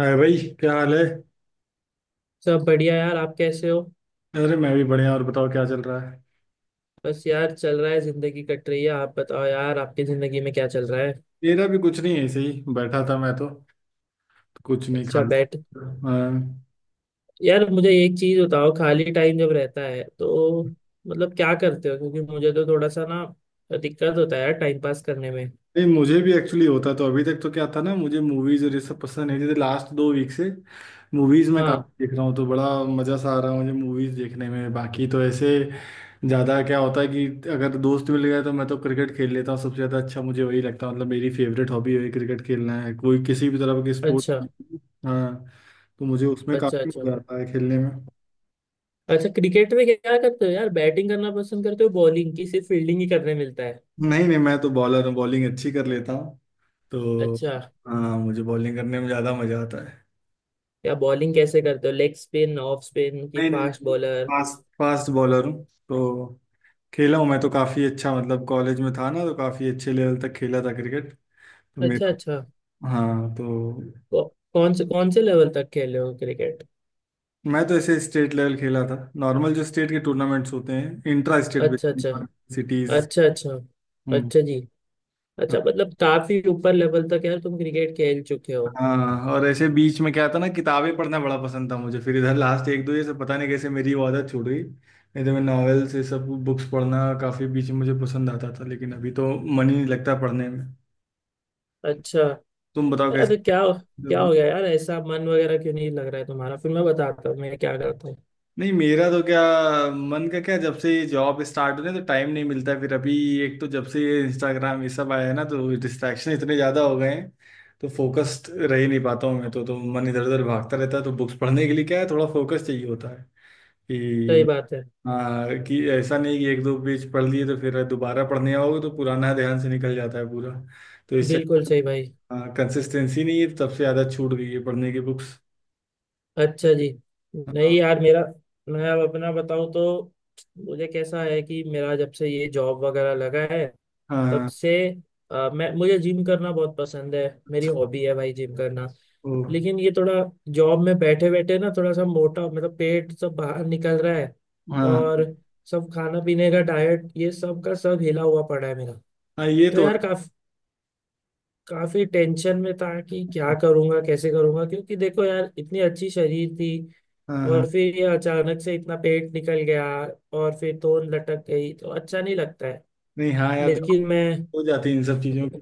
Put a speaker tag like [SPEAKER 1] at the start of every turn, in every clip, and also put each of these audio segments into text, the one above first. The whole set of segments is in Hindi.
[SPEAKER 1] हाय भाई, क्या हाल है।
[SPEAKER 2] सब बढ़िया यार। आप कैसे हो?
[SPEAKER 1] अरे मैं भी बढ़िया। और बताओ, क्या चल रहा है।
[SPEAKER 2] बस यार चल रहा है, जिंदगी कट रही है। आप बताओ यार आपकी जिंदगी में क्या चल रहा है?
[SPEAKER 1] मेरा भी कुछ नहीं है, ऐसे ही बैठा था मैं तो। कुछ नहीं खा।
[SPEAKER 2] अच्छा बैठ।
[SPEAKER 1] हाँ।
[SPEAKER 2] यार मुझे एक चीज बताओ, खाली टाइम जब रहता है तो मतलब क्या करते हो? क्योंकि मुझे तो थोड़ा सा ना दिक्कत होता है यार टाइम पास करने में।
[SPEAKER 1] नहीं, मुझे भी एक्चुअली होता, तो अभी तक तो क्या था ना, मुझे मूवीज और ये सब पसंद नहीं थी। लास्ट दो वीक से मूवीज में
[SPEAKER 2] हाँ।
[SPEAKER 1] काफी देख रहा हूँ, तो बड़ा मजा सा आ रहा है मुझे मूवीज देखने में। बाकी तो ऐसे ज्यादा क्या होता है कि अगर दोस्त मिल गए तो मैं तो क्रिकेट खेल लेता हूँ। सबसे ज्यादा अच्छा मुझे वही लगता है, मतलब मेरी फेवरेट हॉबी वही क्रिकेट खेलना है, कोई किसी भी तरह के स्पोर्ट।
[SPEAKER 2] अच्छा
[SPEAKER 1] हाँ, तो मुझे उसमें
[SPEAKER 2] अच्छा,
[SPEAKER 1] काफी
[SPEAKER 2] अच्छा।
[SPEAKER 1] मजा आता है खेलने में।
[SPEAKER 2] अच्छा, क्रिकेट में क्या करते हो यार, बैटिंग करना पसंद करते हो, बॉलिंग, की सिर्फ फील्डिंग ही करने मिलता है?
[SPEAKER 1] नहीं नहीं, मैं तो बॉलर हूँ, बॉलिंग अच्छी कर लेता हूँ तो।
[SPEAKER 2] अच्छा।
[SPEAKER 1] हाँ, मुझे बॉलिंग करने में ज्यादा मजा आता है।
[SPEAKER 2] या बॉलिंग कैसे करते हो, लेग स्पिन, ऑफ स्पिन, की
[SPEAKER 1] नहीं नहीं
[SPEAKER 2] फास्ट
[SPEAKER 1] नहीं,
[SPEAKER 2] बॉलर?
[SPEAKER 1] फास्ट फास्ट बॉलर हूँ तो। खेला हूँ मैं तो काफ़ी अच्छा, मतलब कॉलेज में था ना तो काफ़ी अच्छे लेवल तक खेला था क्रिकेट, तो
[SPEAKER 2] अच्छा,
[SPEAKER 1] मेरे।
[SPEAKER 2] अच्छा।
[SPEAKER 1] हाँ तो।
[SPEAKER 2] कौ, कौन से लेवल तक खेले हो क्रिकेट?
[SPEAKER 1] मैं तो ऐसे स्टेट लेवल खेला था, नॉर्मल जो स्टेट के टूर्नामेंट्स होते हैं, इंट्रा स्टेट
[SPEAKER 2] अच्छा, अच्छा।
[SPEAKER 1] सिटीज।
[SPEAKER 2] अच्छा, अच्छा।
[SPEAKER 1] हम्म।
[SPEAKER 2] अच्छा जी। अच्छा, मतलब काफी ऊपर लेवल तक यार तुम क्रिकेट खेल चुके हो।
[SPEAKER 1] हाँ, और ऐसे बीच में क्या था ना, किताबें पढ़ना बड़ा पसंद था मुझे। फिर इधर लास्ट एक दो, ये सब पता नहीं कैसे मेरी वो आदत छूट गई। नहीं तो मैं नॉवेल्स ये सब बुक्स पढ़ना काफ़ी बीच में मुझे पसंद आता था, लेकिन अभी तो मन ही नहीं लगता पढ़ने में।
[SPEAKER 2] अच्छा।
[SPEAKER 1] तुम बताओ
[SPEAKER 2] यार,
[SPEAKER 1] कैसे।
[SPEAKER 2] क्या क्या हो गया यार? ऐसा मन वगैरह क्यों नहीं लग रहा है तुम्हारा? फिर मैं बताता हूँ मैं क्या करता हूँ।
[SPEAKER 1] नहीं, मेरा तो क्या मन का क्या, जब से जॉब स्टार्ट होने तो टाइम नहीं मिलता। फिर अभी एक तो, जब से ये इंस्टाग्राम ये सब आया है ना, तो डिस्ट्रैक्शन इतने ज्यादा हो गए हैं, तो फोकस्ड रह ही नहीं पाता हूँ मैं तो मन इधर उधर भागता रहता है। तो बुक्स पढ़ने के लिए क्या है, थोड़ा फोकस चाहिए होता है
[SPEAKER 2] सही
[SPEAKER 1] कि।
[SPEAKER 2] बात है।
[SPEAKER 1] हाँ, कि ऐसा नहीं कि एक दो पेज पढ़ लिए तो फिर दोबारा पढ़ने आओगे तो पुराना ध्यान से निकल जाता है पूरा। तो इस
[SPEAKER 2] बिल्कुल
[SPEAKER 1] चक्कर
[SPEAKER 2] सही भाई।
[SPEAKER 1] में कंसिस्टेंसी नहीं है, तब से ज़्यादा छूट गई है पढ़ने की बुक्स।
[SPEAKER 2] अच्छा जी।
[SPEAKER 1] हाँ।
[SPEAKER 2] नहीं यार मेरा। मैं अब अपना बताऊं तो मुझे कैसा है कि मेरा जब से ये जॉब वगैरह लगा है तब
[SPEAKER 1] हाँ।
[SPEAKER 2] से मैं मुझे जिम करना बहुत पसंद है। मेरी हॉबी है भाई जिम करना।
[SPEAKER 1] ओ।
[SPEAKER 2] लेकिन ये थोड़ा, जॉब में बैठे बैठे ना थोड़ा सा मोटा, मतलब पेट सब बाहर निकल रहा है।
[SPEAKER 1] हाँ
[SPEAKER 2] और सब खाना पीने का डाइट ये सब का सब हिला हुआ पड़ा है मेरा।
[SPEAKER 1] हाँ, ये
[SPEAKER 2] तो
[SPEAKER 1] तो
[SPEAKER 2] यार
[SPEAKER 1] है।
[SPEAKER 2] काफी, काफी टेंशन में था कि क्या करूंगा कैसे करूंगा, क्योंकि देखो यार इतनी अच्छी शरीर थी।
[SPEAKER 1] हाँ।
[SPEAKER 2] और
[SPEAKER 1] हाँ
[SPEAKER 2] फिर ये अचानक से इतना पेट निकल गया। और फिर तोन लटक गई तो अच्छा नहीं लगता है।
[SPEAKER 1] नहीं, हाँ यार,
[SPEAKER 2] लेकिन
[SPEAKER 1] जॉब
[SPEAKER 2] मैं।
[SPEAKER 1] हो जाती है इन सब चीज़ों की।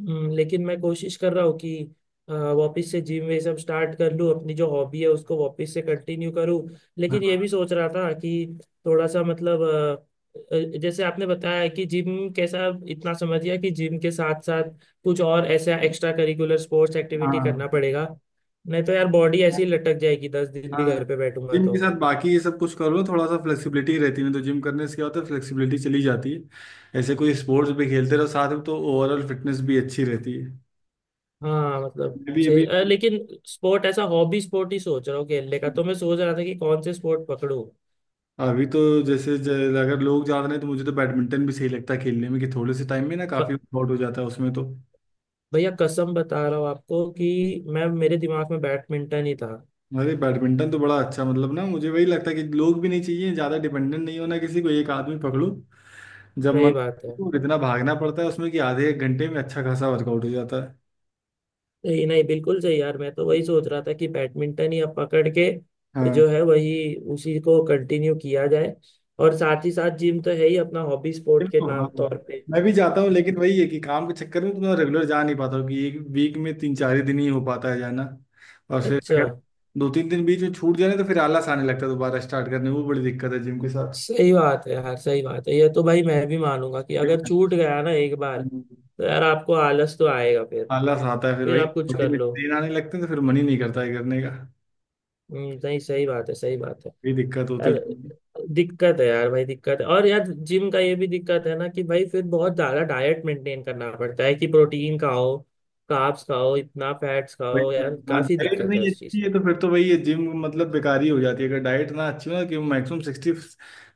[SPEAKER 2] लेकिन मैं कोशिश कर रहा हूँ कि वापस से जिम वे सब स्टार्ट कर लूँ, अपनी जो हॉबी है उसको वापस से कंटिन्यू करूँ। लेकिन ये भी
[SPEAKER 1] हाँ
[SPEAKER 2] सोच रहा था कि थोड़ा सा मतलब, जैसे आपने बताया कि जिम कैसा इतना समझ गया कि जिम के साथ साथ कुछ और ऐसा एक्स्ट्रा करिकुलर स्पोर्ट्स एक्टिविटी
[SPEAKER 1] हाँ।
[SPEAKER 2] करना पड़ेगा। नहीं तो यार बॉडी ऐसी लटक जाएगी, 10 दिन भी घर
[SPEAKER 1] हाँ,
[SPEAKER 2] पे बैठूंगा
[SPEAKER 1] जिम के
[SPEAKER 2] तो।
[SPEAKER 1] साथ बाकी ये सब कुछ करो, थोड़ा सा फ्लेक्सिबिलिटी रहती है। नहीं तो जिम करने से क्या होता है, फ्लेक्सिबिलिटी चली जाती है। ऐसे कोई स्पोर्ट्स भी खेलते रहो साथ में तो ओवरऑल फिटनेस भी अच्छी रहती है।
[SPEAKER 2] हाँ मतलब
[SPEAKER 1] मैं भी
[SPEAKER 2] सही,
[SPEAKER 1] अभी।
[SPEAKER 2] लेकिन स्पोर्ट ऐसा हॉबी स्पोर्ट ही सोच रहा हूँ खेलने का, तो मैं सोच रहा था कि कौन से स्पोर्ट पकड़ूं।
[SPEAKER 1] अभी तो जैसे अगर लोग ज्यादा नहीं तो मुझे तो बैडमिंटन भी सही लगता है खेलने में, कि थोड़े से टाइम में ना
[SPEAKER 2] ब-
[SPEAKER 1] काफी आउट हो जाता है उसमें तो।
[SPEAKER 2] भैया कसम बता रहा हूँ आपको कि मैं मेरे दिमाग में बैडमिंटन ही था।
[SPEAKER 1] अरे बैडमिंटन तो बड़ा अच्छा, मतलब ना मुझे वही लगता है कि लोग भी नहीं चाहिए ज्यादा, डिपेंडेंट नहीं होना किसी को, एक आदमी पकड़ो जब
[SPEAKER 2] सही
[SPEAKER 1] मन,
[SPEAKER 2] बात है।
[SPEAKER 1] और इतना भागना पड़ता है उसमें कि आधे एक घंटे में अच्छा खासा वर्कआउट हो जाता है।
[SPEAKER 2] सही नहीं, बिल्कुल सही यार, मैं तो वही सोच रहा था कि बैडमिंटन ही अब पकड़ के
[SPEAKER 1] हाँ,
[SPEAKER 2] जो है वही, उसी को कंटिन्यू किया जाए। और साथ ही साथ जिम तो है ही अपना हॉबी
[SPEAKER 1] फिर
[SPEAKER 2] स्पोर्ट के
[SPEAKER 1] तो हाँ,
[SPEAKER 2] नाम तौर पे।
[SPEAKER 1] मैं भी जाता हूँ, लेकिन वही है कि काम के चक्कर में तो मैं रेगुलर जा नहीं पाता हूँ, कि एक वीक में तीन चार ही दिन ही हो पाता है जाना। और फिर
[SPEAKER 2] अच्छा।
[SPEAKER 1] अगर दो तीन दिन बीच में छूट जाए ना तो फिर आलस आने लगता है दोबारा स्टार्ट करने में। वो बड़ी दिक्कत है जिम के साथ।
[SPEAKER 2] सही बात है यार, सही बात है ये तो भाई, मैं भी मानूंगा कि
[SPEAKER 1] फिर
[SPEAKER 2] अगर छूट गया ना एक बार तो यार आपको आलस तो आएगा फिर।
[SPEAKER 1] आलस आता है, फिर
[SPEAKER 2] फिर
[SPEAKER 1] वही
[SPEAKER 2] आप कुछ
[SPEAKER 1] बॉडी
[SPEAKER 2] कर
[SPEAKER 1] में
[SPEAKER 2] लो।
[SPEAKER 1] पेन आने लगते हैं, तो फिर मन ही नहीं करता है करने का,
[SPEAKER 2] नहीं सही बात है, सही बात है।
[SPEAKER 1] ये दिक्कत होती
[SPEAKER 2] यार
[SPEAKER 1] है।
[SPEAKER 2] दिक्कत है यार भाई, दिक्कत है। और यार जिम का ये भी दिक्कत है ना कि भाई फिर बहुत ज्यादा डाइट मेंटेन करना पड़ता है, कि प्रोटीन खाओ, कार्ब्स खाओ, इतना फैट्स खाओ,
[SPEAKER 1] भाई
[SPEAKER 2] यार
[SPEAKER 1] हाँ,
[SPEAKER 2] काफी
[SPEAKER 1] डाइट
[SPEAKER 2] दिक्कत है
[SPEAKER 1] नहीं
[SPEAKER 2] उस चीज
[SPEAKER 1] अच्छी है
[SPEAKER 2] का।
[SPEAKER 1] तो फिर तो भाई ये जिम मतलब बेकार ही हो जाती है। अगर डाइट ना अच्छी हो ना, कि मैक्सिमम सिक्सटी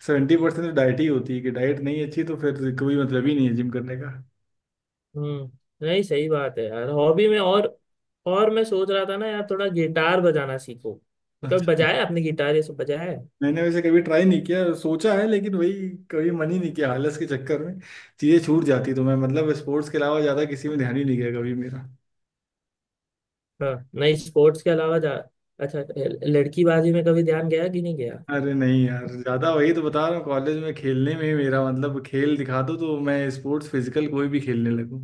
[SPEAKER 1] सेवेंटी परसेंट तो डाइट ही होती है। कि डाइट नहीं अच्छी तो फिर कोई मतलब ही नहीं है जिम करने का।
[SPEAKER 2] हम्म नहीं सही बात है यार, हॉबी में और मैं सोच रहा था ना यार थोड़ा गिटार बजाना सीखो। तो कभी
[SPEAKER 1] अच्छा,
[SPEAKER 2] बजाया आपने, गिटार ये सब बजाया है?
[SPEAKER 1] मैंने वैसे कभी ट्राई नहीं किया, सोचा है, लेकिन वही कभी मन ही नहीं किया आलस के चक्कर में। चीज़ें छूट जाती, तो मैं मतलब स्पोर्ट्स के अलावा ज़्यादा किसी में ध्यान ही नहीं गया कभी मेरा।
[SPEAKER 2] हाँ, नहीं स्पोर्ट्स के अलावा जा अच्छा, लड़की बाजी में कभी ध्यान गया कि नहीं गया?
[SPEAKER 1] अरे नहीं यार, ज़्यादा वही तो बता रहा हूँ, कॉलेज में खेलने में ही मेरा मतलब, खेल दिखा दो तो मैं स्पोर्ट्स फिजिकल कोई भी खेलने लगूँ।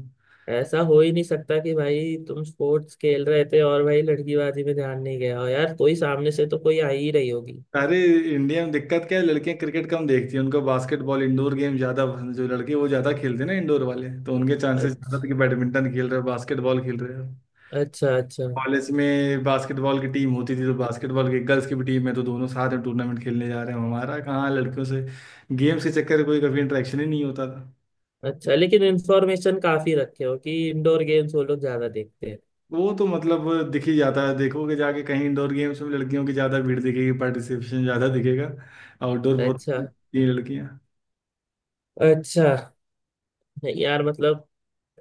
[SPEAKER 2] ऐसा हो ही नहीं सकता कि भाई तुम स्पोर्ट्स खेल रहे थे और भाई लड़की बाजी में ध्यान नहीं गया हो, यार कोई सामने से तो कोई आ ही रही होगी।
[SPEAKER 1] अरे इंडिया में दिक्कत क्या है, लड़कियां क्रिकेट कम देखती हैं। उनको बास्केटबॉल इंडोर गेम ज्यादा पसंद, जो लड़के वो ज्यादा खेलते हैं ना इंडोर वाले, तो उनके चांसेस ज्यादा थे कि
[SPEAKER 2] अच्छा,
[SPEAKER 1] बैडमिंटन खेल रहे हो, बास्केटबॉल खेल रहे हो।
[SPEAKER 2] अच्छा। अच्छा,
[SPEAKER 1] कॉलेज में बास्केटबॉल की टीम होती थी, तो बास्केटबॉल की गर्ल्स की भी टीम है, तो दोनों साथ में टूर्नामेंट खेलने जा रहे हैं, हमारा कहाँ लड़कियों से गेम्स के चक्कर में कोई कभी इंटरेक्शन ही नहीं होता था।
[SPEAKER 2] अच्छा लेकिन इन्फॉर्मेशन काफी रखे हो कि इंडोर गेम्स वो लोग ज्यादा देखते हैं।
[SPEAKER 1] वो तो मतलब दिख ही जाता है, देखोगे जाके कहीं इंडोर गेम्स में लड़कियों की ज्यादा भीड़ दिखेगी, पार्टिसिपेशन ज्यादा दिखेगा। आउटडोर बहुत,
[SPEAKER 2] अच्छा,
[SPEAKER 1] ये लड़कियां।
[SPEAKER 2] अच्छा। नहीं यार मतलब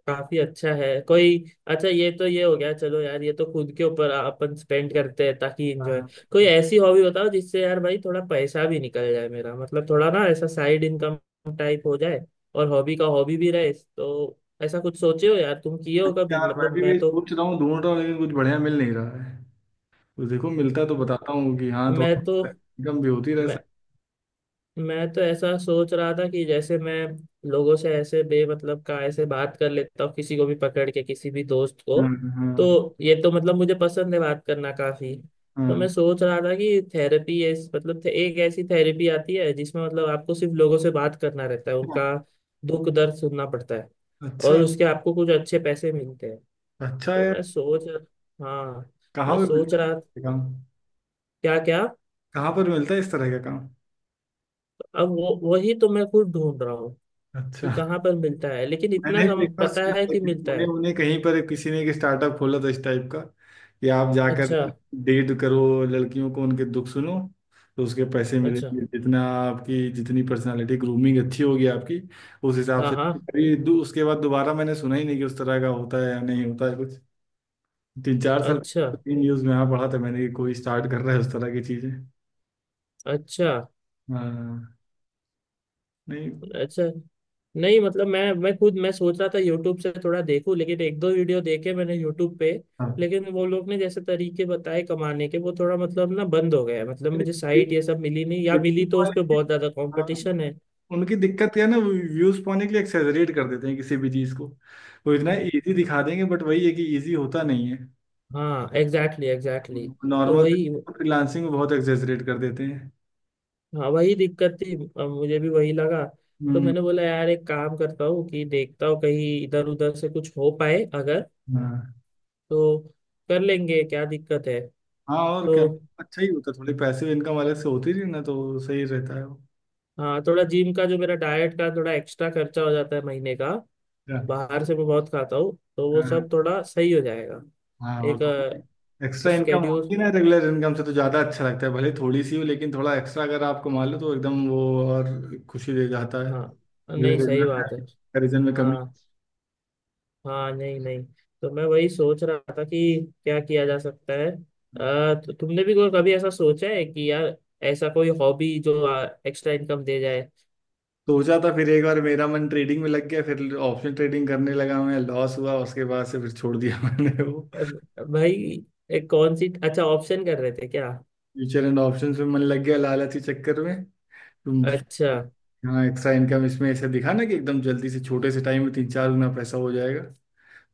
[SPEAKER 2] काफी अच्छा है कोई। अच्छा ये तो ये हो गया, चलो यार ये तो खुद के ऊपर अपन स्पेंड करते हैं ताकि एंजॉय।
[SPEAKER 1] हाँ
[SPEAKER 2] कोई ऐसी हॉबी बताओ जिससे यार भाई थोड़ा पैसा भी निकल जाए, मेरा मतलब थोड़ा ना ऐसा साइड इनकम टाइप हो जाए। और हॉबी का हॉबी भी रहे, तो ऐसा कुछ सोचे हो यार तुम, किए हो कभी
[SPEAKER 1] यार, मैं
[SPEAKER 2] मतलब?
[SPEAKER 1] भी
[SPEAKER 2] मैं
[SPEAKER 1] वही
[SPEAKER 2] तो।
[SPEAKER 1] सोच रहा हूँ, ढूंढ रहा हूँ लेकिन कुछ बढ़िया मिल नहीं रहा है। तो देखो, मिलता तो बताता हूँ कि हाँ,
[SPEAKER 2] मैं तो
[SPEAKER 1] थोड़ा इनकम भी होती रह
[SPEAKER 2] मैं
[SPEAKER 1] सकती।
[SPEAKER 2] मैं तो ऐसा सोच रहा था कि जैसे मैं लोगों से ऐसे बेमतलब का ऐसे बात कर लेता हूँ, किसी को भी पकड़ के, किसी भी दोस्त को।
[SPEAKER 1] हाँ। हाँ।
[SPEAKER 2] तो ये तो मतलब मुझे पसंद है बात करना काफी। तो
[SPEAKER 1] हाँ।
[SPEAKER 2] मैं सोच रहा था कि थेरेपी ऐस मतलब एक ऐसी थेरेपी आती है जिसमें मतलब आपको सिर्फ लोगों से बात करना रहता है,
[SPEAKER 1] हाँ।
[SPEAKER 2] उनका दुख दर्द सुनना पड़ता है।
[SPEAKER 1] अच्छा,
[SPEAKER 2] और उसके आपको कुछ अच्छे पैसे मिलते हैं।
[SPEAKER 1] अच्छा
[SPEAKER 2] तो
[SPEAKER 1] है।
[SPEAKER 2] मैं सोच। हाँ।
[SPEAKER 1] कहाँ
[SPEAKER 2] मैं
[SPEAKER 1] पे
[SPEAKER 2] सोच
[SPEAKER 1] मिलता है
[SPEAKER 2] रहा।
[SPEAKER 1] ये काम,
[SPEAKER 2] क्या, क्या?
[SPEAKER 1] कहाँ पर मिलता है इस तरह का काम।
[SPEAKER 2] अब वो वही तो मैं खुद ढूंढ रहा हूँ। ये
[SPEAKER 1] अच्छा,
[SPEAKER 2] कहाँ पर मिलता है लेकिन इतना
[SPEAKER 1] मैंने भी एक बार
[SPEAKER 2] पता
[SPEAKER 1] सुना
[SPEAKER 2] है
[SPEAKER 1] था
[SPEAKER 2] कि
[SPEAKER 1] कि
[SPEAKER 2] मिलता
[SPEAKER 1] पुणे
[SPEAKER 2] है।
[SPEAKER 1] उन्हें कहीं पर किसी ने एक स्टार्टअप खोला था इस टाइप का, कि आप जाकर
[SPEAKER 2] अच्छा,
[SPEAKER 1] डेट करो लड़कियों को, उनके दुख सुनो, तो उसके पैसे
[SPEAKER 2] अच्छा।
[SPEAKER 1] मिलेंगे, जितना आपकी जितनी पर्सनालिटी ग्रूमिंग अच्छी होगी आपकी उस हिसाब
[SPEAKER 2] हाँ,
[SPEAKER 1] से।
[SPEAKER 2] हाँ।
[SPEAKER 1] कभी उसके बाद दोबारा मैंने सुना ही नहीं कि उस तरह का होता है या नहीं होता है कुछ। तीन चार साल
[SPEAKER 2] अच्छा,
[SPEAKER 1] तीन न्यूज़ में यहाँ पढ़ा था मैंने कि कोई स्टार्ट कर रहा है उस तरह की चीज़ें।
[SPEAKER 2] अच्छा,
[SPEAKER 1] हाँ। नहीं।
[SPEAKER 2] अच्छा। नहीं मतलब मैं खुद मैं सोच रहा था यूट्यूब से थोड़ा देखूं, लेकिन एक दो वीडियो देखे मैंने यूट्यूब पे।
[SPEAKER 1] हाँ,
[SPEAKER 2] लेकिन वो लोग ने जैसे तरीके बताए कमाने के, वो थोड़ा मतलब ना बंद हो गया है। मतलब मुझे
[SPEAKER 1] ब्यूटी
[SPEAKER 2] साइट ये सब मिली नहीं, या मिली तो उस पे
[SPEAKER 1] वाले।
[SPEAKER 2] बहुत ज्यादा
[SPEAKER 1] हाँ,
[SPEAKER 2] कंपटीशन है।
[SPEAKER 1] उनकी दिक्कत क्या है ना, वो व्यूज पाने के लिए एक्सेजरेट कर देते हैं किसी भी चीज को। वो इतना इजी दिखा देंगे, बट वही है कि इजी होता नहीं है।
[SPEAKER 2] हाँ, एग्जैक्टली, एग्जैक्टली। तो
[SPEAKER 1] नॉर्मल
[SPEAKER 2] वही।
[SPEAKER 1] फ्रीलांसिंग को बहुत एक्सेजरेट कर देते हैं।
[SPEAKER 2] हाँ वही दिक्कत थी। अब मुझे भी वही लगा। तो
[SPEAKER 1] हम्म।
[SPEAKER 2] मैंने बोला यार, एक काम करता हूँ कि देखता हूँ कहीं इधर उधर से कुछ हो पाए अगर।
[SPEAKER 1] हाँ।
[SPEAKER 2] तो कर लेंगे, क्या दिक्कत है।
[SPEAKER 1] हाँ, और
[SPEAKER 2] तो।
[SPEAKER 1] क्या। अच्छा ही होता है, थोड़े पैसिव इनकम अलग से होती थी ना तो सही रहता है वो।
[SPEAKER 2] हाँ थोड़ा जिम का जो मेरा डाइट का थोड़ा एक्स्ट्रा खर्चा हो जाता है महीने का,
[SPEAKER 1] क्या?
[SPEAKER 2] बाहर से मैं बहुत खाता हूँ तो वो
[SPEAKER 1] हाँ।
[SPEAKER 2] सब थोड़ा सही हो जाएगा।
[SPEAKER 1] हाँ, और
[SPEAKER 2] एक
[SPEAKER 1] थोड़ी एक्स्ट्रा इनकम
[SPEAKER 2] स्केड्यूल।
[SPEAKER 1] होती है ना रेगुलर इनकम से तो ज़्यादा अच्छा लगता है, भले थोड़ी सी हो, लेकिन थोड़ा एक्स्ट्रा अगर आप कमा लो तो एकदम वो और खुशी दे जाता है,
[SPEAKER 2] हाँ
[SPEAKER 1] भले
[SPEAKER 2] नहीं सही
[SPEAKER 1] रेगुलर
[SPEAKER 2] बात है।
[SPEAKER 1] कंपेरिजन में कमी।
[SPEAKER 2] हाँ, हाँ, नहीं, नहीं। तो मैं वही सोच रहा था कि क्या किया जा सकता है? तो तुमने भी कोई कभी ऐसा सोचा है कि यार ऐसा कोई हॉबी जो एक्स्ट्रा इनकम दे जाए?
[SPEAKER 1] सोचा था, फिर एक बार मेरा मन ट्रेडिंग में लग गया, फिर ऑप्शन ट्रेडिंग करने लगा मैं, लॉस हुआ, उसके बाद से फिर छोड़ दिया। मैंने वो
[SPEAKER 2] अब भाई, एक कौन सी अच्छा ऑप्शन कर रहे थे क्या?
[SPEAKER 1] फ्यूचर एंड ऑप्शंस में मन लग गया, लालची चक्कर में। तुम।
[SPEAKER 2] अच्छा।
[SPEAKER 1] हाँ, एक्स्ट्रा इनकम इसमें ऐसे दिखा ना कि एकदम जल्दी से छोटे से टाइम में तीन चार गुना पैसा हो जाएगा,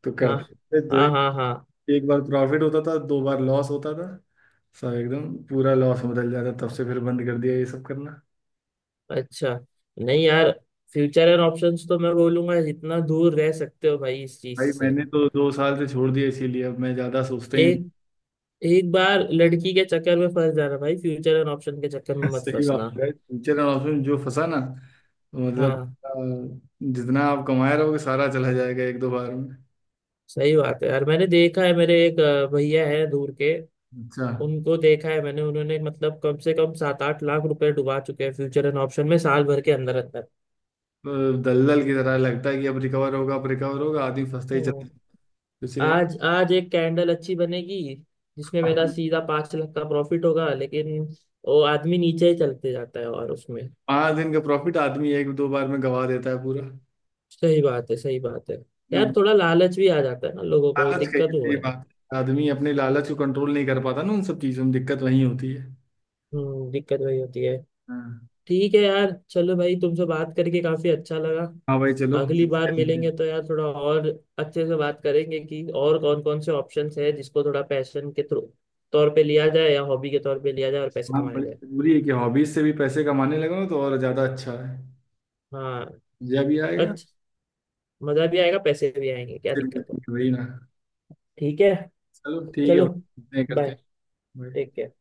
[SPEAKER 1] तो
[SPEAKER 2] हाँ,
[SPEAKER 1] करते
[SPEAKER 2] हाँ, हाँ,
[SPEAKER 1] करते
[SPEAKER 2] हाँ।
[SPEAKER 1] एक बार प्रॉफिट होता था, दो बार लॉस होता था। सब एकदम पूरा लॉस में बदल जाता, तब से फिर बंद कर दिया ये सब करना।
[SPEAKER 2] अच्छा, नहीं यार फ्यूचर एंड ऑप्शंस तो मैं बोलूंगा, जितना दूर रह सकते हो भाई इस चीज
[SPEAKER 1] भाई
[SPEAKER 2] से।
[SPEAKER 1] मैंने तो दो साल से छोड़ दिया, इसीलिए अब मैं ज्यादा सोचता ही नहीं।
[SPEAKER 2] एक एक बार लड़की के चक्कर में फंस जाना भाई, फ्यूचर एंड ऑप्शन के चक्कर में मत
[SPEAKER 1] सही बात
[SPEAKER 2] फंसना।
[SPEAKER 1] है, टीचर और ऑप्शन में जो फंसा ना तो मतलब
[SPEAKER 2] हाँ
[SPEAKER 1] अ, जितना आप कमाए रहोगे सारा चला जाएगा एक दो बार में।
[SPEAKER 2] सही बात है यार, मैंने देखा है मेरे एक भैया है दूर के,
[SPEAKER 1] अच्छा,
[SPEAKER 2] उनको देखा है मैंने। उन्होंने मतलब कम से कम 7-8 लाख रुपए डुबा चुके हैं फ्यूचर एंड ऑप्शन में, साल भर के अंदर अंदर।
[SPEAKER 1] तो दलदल की तरह लगता है कि अब रिकवर होगा, अब रिकवर होगा, आदमी फंसता ही चला
[SPEAKER 2] हम्म।
[SPEAKER 1] जाता है। इसीलिए ना,
[SPEAKER 2] आज आज एक कैंडल अच्छी बनेगी जिसमें मेरा सीधा 5 लाख का प्रॉफिट होगा, लेकिन वो आदमी नीचे ही चलते जाता है और उसमें।
[SPEAKER 1] पाँच दिन का प्रॉफिट आदमी एक दो बार में गवा देता है पूरा।
[SPEAKER 2] सही बात है, सही बात है। यार
[SPEAKER 1] ना,
[SPEAKER 2] थोड़ा लालच भी आ जाता है ना लोगों को,
[SPEAKER 1] लालच का,
[SPEAKER 2] दिक्कत
[SPEAKER 1] ये
[SPEAKER 2] वो
[SPEAKER 1] सही
[SPEAKER 2] है।
[SPEAKER 1] बात है, आदमी अपने लालच को कंट्रोल नहीं कर पाता ना, उन सब चीजों में दिक्कत वही होती है।
[SPEAKER 2] दिक्कत वही होती है।
[SPEAKER 1] हाँ।
[SPEAKER 2] ठीक है यार चलो भाई, तुमसे बात करके काफी अच्छा लगा।
[SPEAKER 1] हाँ भाई, चलो।
[SPEAKER 2] अगली बार मिलेंगे तो यार थोड़ा और अच्छे से बात करेंगे कि और कौन कौन से ऑप्शंस है जिसको थोड़ा पैशन के थ्रू तौर पे लिया जाए, या हॉबी के तौर पे लिया जाए, और पैसे
[SPEAKER 1] हाँ,
[SPEAKER 2] कमाए
[SPEAKER 1] बड़ी
[SPEAKER 2] जाए।
[SPEAKER 1] जरूरी है कि हॉबीज से भी पैसे कमाने लगो, तो और ज्यादा अच्छा है।
[SPEAKER 2] हाँ।
[SPEAKER 1] मजा भी आएगा।
[SPEAKER 2] अच्छा। मजा भी आएगा पैसे भी आएंगे, क्या
[SPEAKER 1] फिर
[SPEAKER 2] दिक्कत है?
[SPEAKER 1] वही वही ना,
[SPEAKER 2] ठीक है।
[SPEAKER 1] चलो ठीक है,
[SPEAKER 2] चलो।
[SPEAKER 1] करते हैं करते
[SPEAKER 2] बाय। टेक
[SPEAKER 1] हैं।
[SPEAKER 2] केयर।